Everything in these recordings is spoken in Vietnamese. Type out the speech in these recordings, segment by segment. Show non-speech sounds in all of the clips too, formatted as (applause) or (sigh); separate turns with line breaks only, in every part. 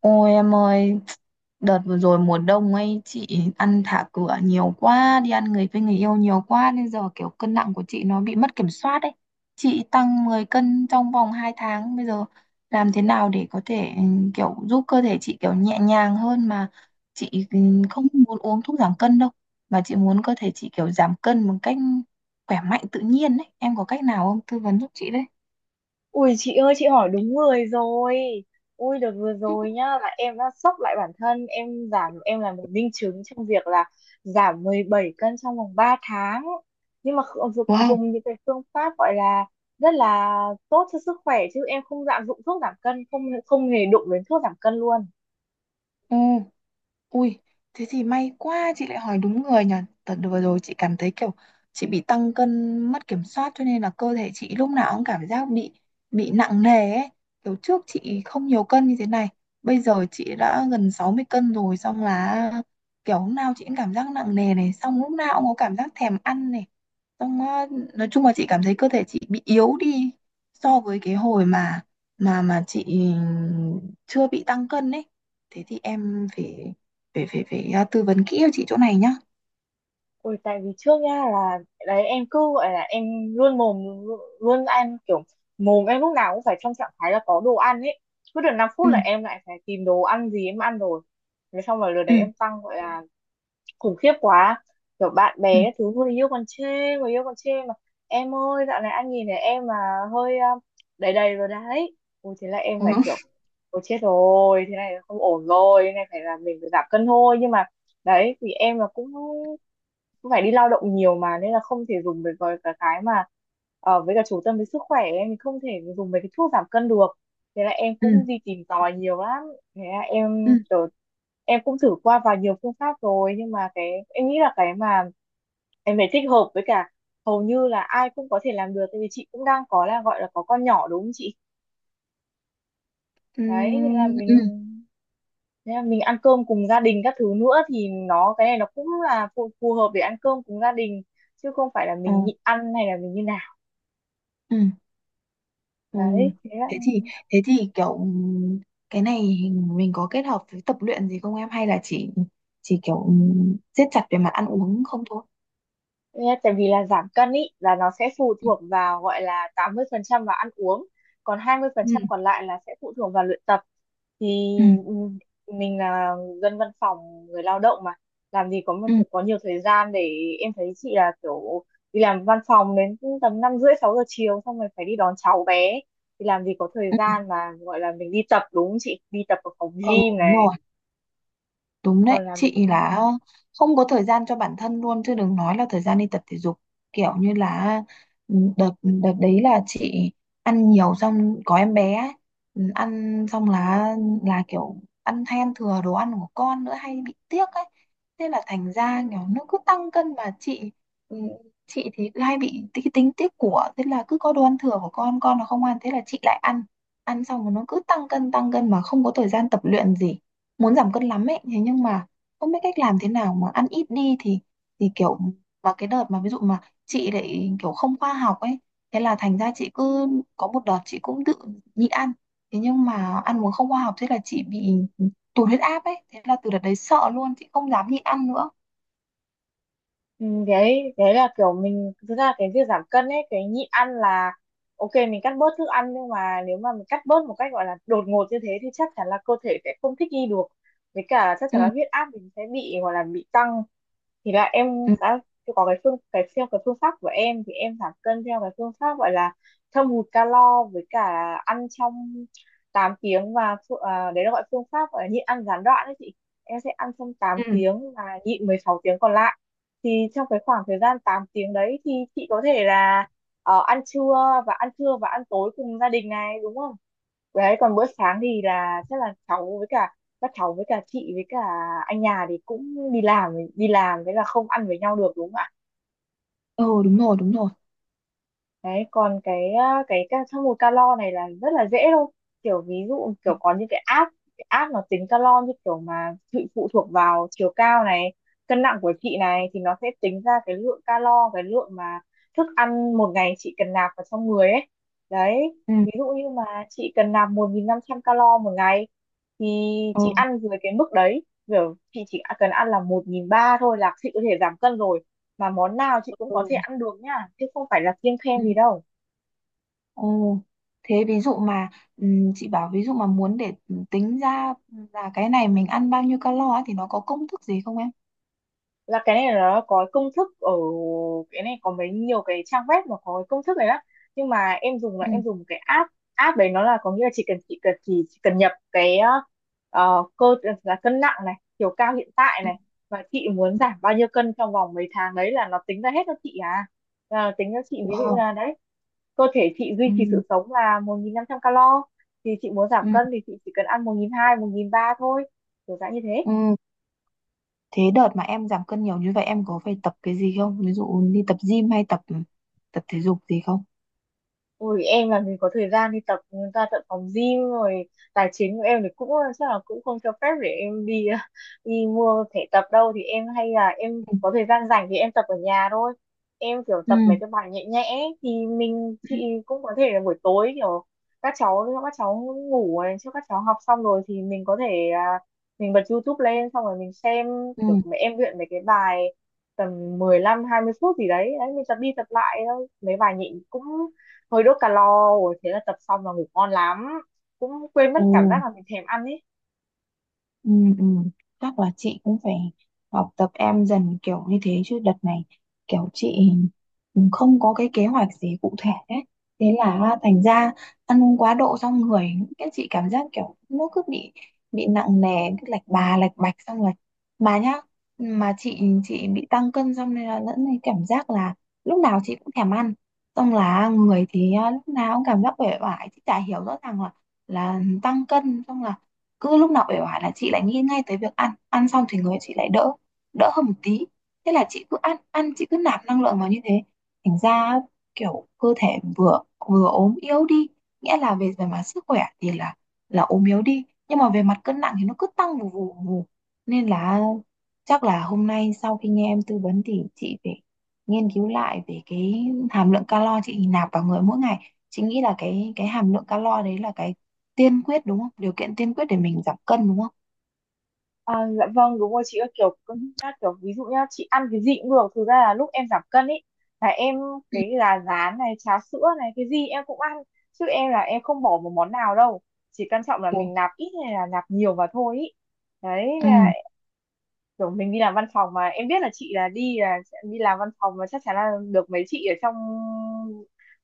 Ôi em ơi, đợt vừa rồi mùa đông ấy chị ăn thả cửa nhiều quá, đi ăn người với người yêu nhiều quá nên giờ kiểu cân nặng của chị nó bị mất kiểm soát ấy. Chị tăng 10 cân trong vòng 2 tháng, bây giờ làm thế nào để có thể kiểu giúp cơ thể chị kiểu nhẹ nhàng hơn mà chị không muốn uống thuốc giảm cân đâu, mà chị muốn cơ thể chị kiểu giảm cân một cách khỏe mạnh tự nhiên ấy. Em có cách nào không? Tư vấn giúp chị đấy.
Ui chị ơi, chị hỏi đúng người rồi. Ui đợt vừa rồi nhá, là em đã sốc lại bản thân. Em giảm em là một minh chứng trong việc là giảm 17 cân trong vòng 3 tháng. Nhưng mà kh- dùng
Wow,
dùng những cái phương pháp gọi là rất là tốt cho sức khỏe. Chứ em không dạng dụng thuốc giảm cân, không không hề đụng đến thuốc giảm cân luôn.
ừ. Ui, thế thì may quá chị lại hỏi đúng người nhỉ. Tật vừa rồi chị cảm thấy kiểu chị bị tăng cân mất kiểm soát cho nên là cơ thể chị lúc nào cũng cảm giác bị nặng nề ấy. Kiểu trước chị không nhiều cân như thế này. Bây giờ chị đã gần 60 cân rồi xong là kiểu lúc nào chị cũng cảm giác nặng nề này, xong lúc nào cũng có cảm giác thèm ăn này. Xong nói chung là chị cảm thấy cơ thể chị bị yếu đi so với cái hồi mà chị chưa bị tăng cân ấy. Thế thì em phải phải phải phải à, tư vấn kỹ cho chị chỗ này nhá.
Ôi, tại vì trước nha là đấy em cứ gọi là em luôn mồm luôn ăn, kiểu mồm em lúc nào cũng phải trong trạng thái là có đồ ăn ấy. Cứ được 5 phút
Ừ.
là em lại phải tìm đồ ăn gì em ăn rồi, thế xong rồi lần
Ừ.
đấy em tăng gọi là khủng khiếp quá. Kiểu bạn
Ừ.
bè các thứ, người yêu còn chê, người yêu còn chê mà: "Em ơi, dạo này anh nhìn thấy em mà hơi đầy đầy rồi đấy." Ui thế là em
Ờ.
phải kiểu: "Ôi chết rồi, thế này là không ổn rồi, thế này phải là mình phải giảm cân thôi." Nhưng mà đấy thì em là cũng cũng phải đi lao động nhiều mà, nên là không thể dùng với cả cái mà với cả chủ tâm với sức khỏe em thì không thể dùng mấy cái thuốc giảm cân được. Thế là em
Ừ.
cũng đi tìm tòi nhiều lắm. Thế à, em
Ừ.
kiểu, em cũng thử qua vào nhiều phương pháp rồi, nhưng mà cái em nghĩ là cái mà em phải thích hợp với cả hầu như là ai cũng có thể làm được. Tại vì chị cũng đang có là gọi là có con nhỏ đúng không chị?
Ừ.
Đấy, thế là
Ừ.
mình thế là mình ăn cơm cùng gia đình các thứ nữa, thì nó cái này nó cũng là phù hợp để ăn cơm cùng gia đình, chứ không phải là
Ờ.
mình nhịn ăn hay là mình như nào.
Ừ. Ừ.
Đấy thế.
thế thì thế thì kiểu cái này mình có kết hợp với tập luyện gì không em hay là chỉ kiểu siết chặt về mặt ăn uống không thôi?
Nghe, tại vì là giảm cân ý là nó sẽ phụ
Ừ.
thuộc vào gọi là 80% vào ăn uống, còn hai mươi phần
Ừ.
trăm còn lại là sẽ phụ thuộc vào luyện tập. Thì
Ừ.
ừm, mình là dân văn phòng người lao động mà, làm gì có một
Ừ.
có nhiều thời gian để. Em thấy chị là kiểu đi làm văn phòng đến tầm 5:30-6 giờ chiều, xong rồi phải đi đón cháu bé, thì làm gì có thời
Ừ.
gian mà gọi là mình đi tập đúng không chị? Đi tập ở phòng
Ờ.
gym
Đúng
này,
rồi. Đúng
rồi
đấy,
làm việc.
chị là không có thời gian cho bản thân luôn chứ đừng nói là thời gian đi tập thể dục. Kiểu như là đợt đợt đấy là chị ăn nhiều xong có em bé ấy. Ừ, ăn xong là kiểu ăn hay ăn thừa đồ ăn của con nữa hay bị tiếc ấy. Thế là thành ra kiểu nó cứ tăng cân mà chị ừ, chị thì cứ hay bị tính tiếc của, thế là cứ có đồ ăn thừa của con nó không ăn thế là chị lại ăn. Ăn xong rồi nó cứ tăng cân mà không có thời gian tập luyện gì, muốn giảm cân lắm ấy thế nhưng mà không biết cách làm thế nào mà ăn ít đi thì kiểu, mà cái đợt mà ví dụ mà chị lại kiểu không khoa học ấy, thế là thành ra chị cứ có một đợt chị cũng tự nhịn ăn, thế nhưng mà ăn uống không khoa học thế là chị bị tụt huyết áp ấy, thế là từ đợt đấy sợ luôn chị không dám nhịn ăn nữa.
Ừ, đấy đấy là kiểu mình thực ra cái việc giảm cân ấy, cái nhịn ăn là ok, mình cắt bớt thức ăn, nhưng mà nếu mà mình cắt bớt một cách gọi là đột ngột như thế thì chắc chắn là cơ thể sẽ không thích nghi được, với cả chắc chắn là
Ừ.
huyết áp mình sẽ bị gọi là bị tăng. Thì là em
Ừ.
đã có cái theo cái phương pháp của em thì em giảm cân theo cái phương pháp gọi là thâm hụt calo với cả ăn trong 8 tiếng và đấy là gọi phương pháp gọi là nhịn ăn gián đoạn đấy chị. Em sẽ ăn trong tám
Ừ.
tiếng và nhịn 16 tiếng còn lại. Thì trong cái khoảng thời gian 8 tiếng đấy thì chị có thể là ăn trưa và ăn tối cùng gia đình này đúng không? Đấy còn bữa sáng thì là chắc là cháu với cả các cháu với cả chị với cả anh nhà thì cũng đi làm đi làm, thế là không ăn với nhau được đúng không?
Ừ. Đúng rồi, đúng rồi.
Đấy, còn cái à, cái ca- trong một calo này là rất là dễ thôi. Kiểu ví dụ kiểu có những cái app nó tính calo, như kiểu mà chị phụ thuộc vào chiều cao này, cân nặng của chị này thì nó sẽ tính ra cái lượng calo, cái lượng mà thức ăn một ngày chị cần nạp vào trong người ấy. Đấy,
Ừ.
ví dụ như mà chị cần nạp 1.500 calo một ngày thì
Ừ.
chị ăn dưới cái mức đấy, kiểu chị chỉ cần ăn là 1.300 thôi là chị có thể giảm cân rồi, mà món nào chị cũng có thể
Ừ.
ăn được nha, chứ không phải là kiêng
Ừ.
khem gì đâu.
Ồ, thế ví dụ mà chị bảo ví dụ mà muốn để tính ra là cái này mình ăn bao nhiêu calo á thì nó có công thức gì không em?
Là cái này là nó có cái công thức ở, cái này có mấy nhiều cái trang web mà có cái công thức này đó, nhưng mà em dùng là
Ừ.
em dùng cái app app đấy nó là có nghĩa là chỉ cần chị cần chỉ cần nhập cái ờ, cơ là cân nặng này, chiều cao hiện tại
Ừ,
này, và chị muốn
ừ.
giảm bao nhiêu cân trong vòng mấy tháng đấy là nó tính ra hết cho chị à. Là tính cho chị, ví dụ
Wow.
là đấy cơ thể chị duy trì
Ừ.
sự sống là 1.500 calo, thì chị muốn giảm
Ừ.
cân thì chị chỉ cần ăn 1.200 1.300 thôi, kiểu dạng như thế.
Ừ. Thế đợt mà em giảm cân nhiều như vậy em có phải tập cái gì không? Ví dụ đi tập gym hay tập tập thể dục gì không?
Ôi em làm gì có thời gian đi tập ra tận phòng gym rồi, tài chính của em thì chắc là cũng không cho phép để em đi (laughs) đi mua thẻ tập đâu. Thì em hay là em
Ừ.
có thời gian rảnh thì em tập ở nhà thôi, em kiểu
Ừ.
tập mấy cái bài nhẹ nhẽ ấy, thì mình
Ừ.
chị cũng có thể là buổi tối kiểu các cháu ngủ này, trước các cháu học xong rồi thì mình có thể mình bật YouTube lên xong rồi mình xem
Ừ.
kiểu mấy em luyện mấy cái bài tầm 15-20 phút gì đấy, đấy mình tập đi tập lại thôi mấy bài nhịn cũng hơi đốt calo, rồi thế là tập xong là ngủ ngon lắm, cũng quên mất
Ồ.
cảm giác là mình thèm ăn ấy.
Ừ, ừ. Chắc là chị cũng phải học tập em dần kiểu như thế chứ đợt này kiểu chị cũng không có cái kế hoạch gì cụ thể ấy. Thế là thành ra ăn uống quá độ xong người, cái chị cảm giác kiểu nó cứ bị nặng nề, cứ lạch bà lạch bạch xong rồi mà nhá, mà chị bị tăng cân xong nên là lẫn này cảm giác là lúc nào chị cũng thèm ăn, xong là người thì lúc nào cũng cảm giác uể oải. Chị chả hiểu, rõ ràng là tăng cân xong là cứ lúc nào uể oải là chị lại nghĩ ngay tới việc ăn, ăn xong thì người chị lại đỡ đỡ hơn một tí, thế là chị cứ ăn ăn chị cứ nạp năng lượng vào như thế, thành ra kiểu cơ thể vừa vừa ốm yếu đi, nghĩa là về về mặt sức khỏe thì là ốm yếu đi nhưng mà về mặt cân nặng thì nó cứ tăng vù vù vù, nên là chắc là hôm nay sau khi nghe em tư vấn thì chị phải nghiên cứu lại về cái hàm lượng calo chị nạp vào người mỗi ngày. Chị nghĩ là cái hàm lượng calo đấy là cái tiên quyết đúng không? Điều kiện tiên quyết để mình giảm cân đúng không?
à, dạ vâng đúng rồi chị ơi, kiểu cân nhắc kiểu ví dụ nhá, chị ăn cái gì cũng được, thực ra là lúc em giảm cân ấy là em
Ừ.
cái gà rán này, cháo sữa này, cái gì em cũng ăn, chứ em là em không bỏ một món nào đâu, chỉ quan trọng là
Ừ.
mình nạp ít hay là nạp nhiều mà thôi ý. Đấy,
Ừ.
kiểu mình đi làm văn phòng mà em biết là chị là đi là sẽ đi làm văn phòng mà chắc chắn là được mấy chị ở trong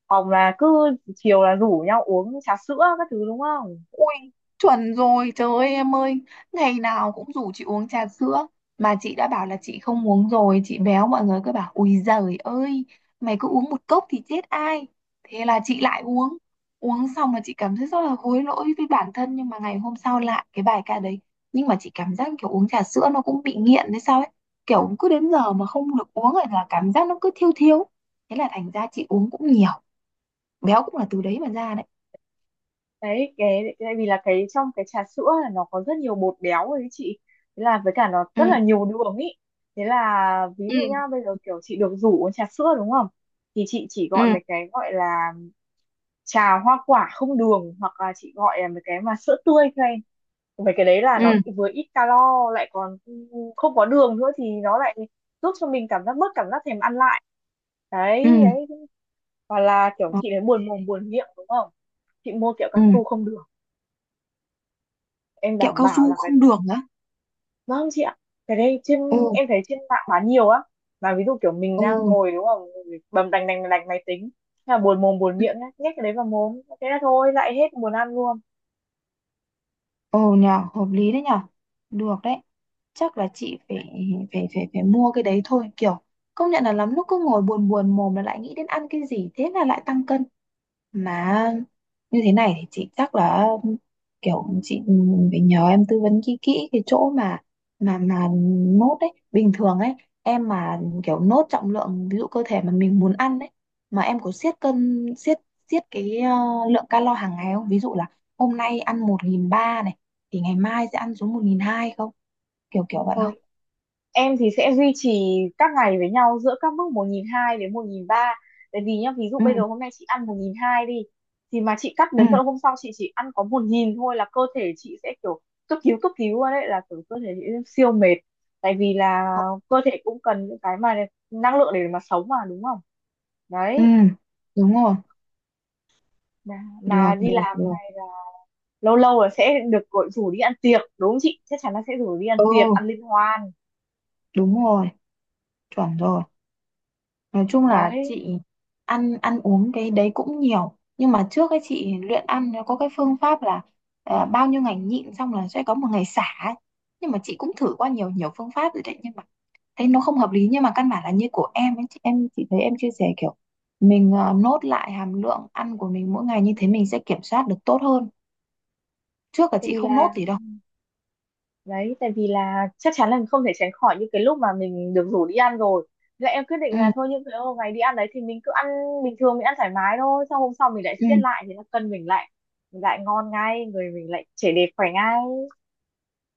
phòng là cứ chiều là rủ nhau uống trà sữa các thứ đúng không?
Ui, chuẩn rồi, trời ơi em ơi, ngày nào cũng rủ chị uống trà sữa, mà chị đã bảo là chị không uống rồi, chị béo, mọi người cứ bảo, ui giời ơi, mày cứ uống một cốc thì chết ai, thế là chị lại uống, uống xong là chị cảm thấy rất là hối lỗi với bản thân, nhưng mà ngày hôm sau lại cái bài ca đấy, nhưng mà chị cảm giác kiểu uống trà sữa nó cũng bị nghiện hay sao ấy, kiểu cứ đến giờ mà không được uống rồi là cảm giác nó cứ thiêu thiêu, thế là thành ra chị uống cũng nhiều, béo cũng là từ đấy mà ra đấy.
Đấy cái tại vì là cái trong cái trà sữa là nó có rất nhiều bột béo ấy chị, thế là với cả nó
Ừ,
rất là nhiều đường ý. Thế là ví
ừ,
dụ nhá bây giờ kiểu chị được rủ uống trà sữa đúng không, thì chị chỉ
ừ,
gọi mấy cái gọi là trà hoa quả không đường, hoặc là chị gọi là mấy cái mà sữa tươi thôi, mấy cái đấy là
ừ.
nó vừa ít calo lại còn không có đường nữa thì nó lại giúp cho mình cảm giác bớt cảm giác thèm ăn lại.
Ừ.
Đấy đấy. Hoặc là kiểu
Ờ,
chị đấy buồn mồm buồn miệng đúng không, chị mua kẹo
ừ.
cao su không được, em
Kẹo
đảm
cao
bảo là
su
cái
không
đấy.
đường á?
Vâng chị ạ, cái đấy
Ồ.
em thấy trên mạng bán nhiều á. Mà ví dụ kiểu mình
Ừ.
đang ngồi đúng không, bầm đành đành đành máy tính, thế là buồn mồm buồn miệng nhá, nhét cái đấy vào mồm thế là thôi lại hết buồn ăn luôn.
Ồ, nhờ hợp lý đấy nhờ, được đấy, chắc là chị phải phải phải phải mua cái đấy thôi, kiểu công nhận là lắm lúc cứ ngồi buồn buồn mồm là lại nghĩ đến ăn cái gì thế là lại tăng cân mà. Như thế này thì chị chắc là kiểu chị phải nhờ em tư vấn kỹ kỹ cái chỗ mà nốt ấy, bình thường ấy em mà kiểu nốt trọng lượng ví dụ cơ thể mà mình muốn ăn ấy, mà em có siết cân siết siết cái lượng calo hàng ngày không, ví dụ là hôm nay ăn 1.300 này thì ngày mai sẽ ăn xuống 1.200 không, kiểu kiểu vậy không?
Thôi em thì sẽ duy trì các ngày với nhau giữa các mức 1.200 đến 1.300. Tại vì nhá, ví dụ
Ừ.
bây giờ hôm nay chị ăn 1.200 đi, thì mà chị cắt
Ừ.
đến tận hôm sau chị chỉ ăn có 1.000 thôi là cơ thể chị sẽ kiểu cấp cứu luôn, đấy là kiểu cơ thể chị siêu mệt, tại vì là cơ thể cũng cần những cái mà năng lượng để mà sống mà đúng không.
Ừ.
Đấy
Đúng rồi.
mà, mà
Được,
đi
được,
làm
được.
này là lâu lâu là sẽ được gọi rủ đi ăn tiệc đúng không chị, chắc chắn là sẽ rủ đi ăn
Ừ.
tiệc ăn liên hoan
Đúng rồi. Chuẩn rồi. Nói chung là
đấy.
chị ăn ăn uống cái đấy cũng nhiều nhưng mà trước ấy chị luyện ăn nó có cái phương pháp là bao nhiêu ngày nhịn xong là sẽ có một ngày xả ấy. Nhưng mà chị cũng thử qua nhiều nhiều phương pháp rồi đấy nhưng mà thấy nó không hợp lý, nhưng mà căn bản là như của em ấy, chị em chị thấy em chia sẻ kiểu mình nốt lại hàm lượng ăn của mình mỗi ngày như thế mình sẽ kiểm soát được tốt hơn, trước là
tại
chị
vì
không nốt
là
gì đâu.
Tại vì là chắc chắn là không thể tránh khỏi những cái lúc mà mình được rủ đi ăn rồi. Thế là em quyết định
Ừ.
là thôi những cái hôm ngày đi ăn đấy thì mình cứ ăn bình thường, mình ăn thoải mái thôi, xong hôm sau mình lại
Ừ.
siết lại thì nó cân mình lại, mình lại ngon ngay, người mình lại trẻ đẹp khỏe ngay.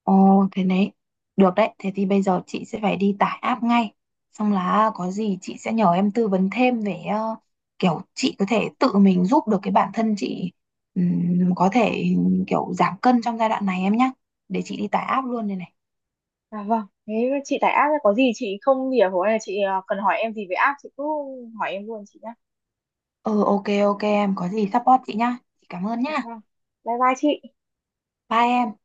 Ồ, thế đấy. Được đấy, thế thì bây giờ chị sẽ phải đi tải app ngay. Xong là có gì chị sẽ nhờ em tư vấn thêm về kiểu chị có thể tự mình giúp được cái bản thân chị, có thể kiểu giảm cân trong giai đoạn này em nhá. Để chị đi tải app luôn đây này.
Vâng, thế chị tải app ấy, có gì chị không hiểu hoặc là chị cần hỏi em gì về app chị cứ hỏi em luôn chị nhé.
Ừ, ok, ok em. Có gì support chị nhá. Chị cảm ơn
Dạ
nhá.
vâng, bye bye chị.
Bye em.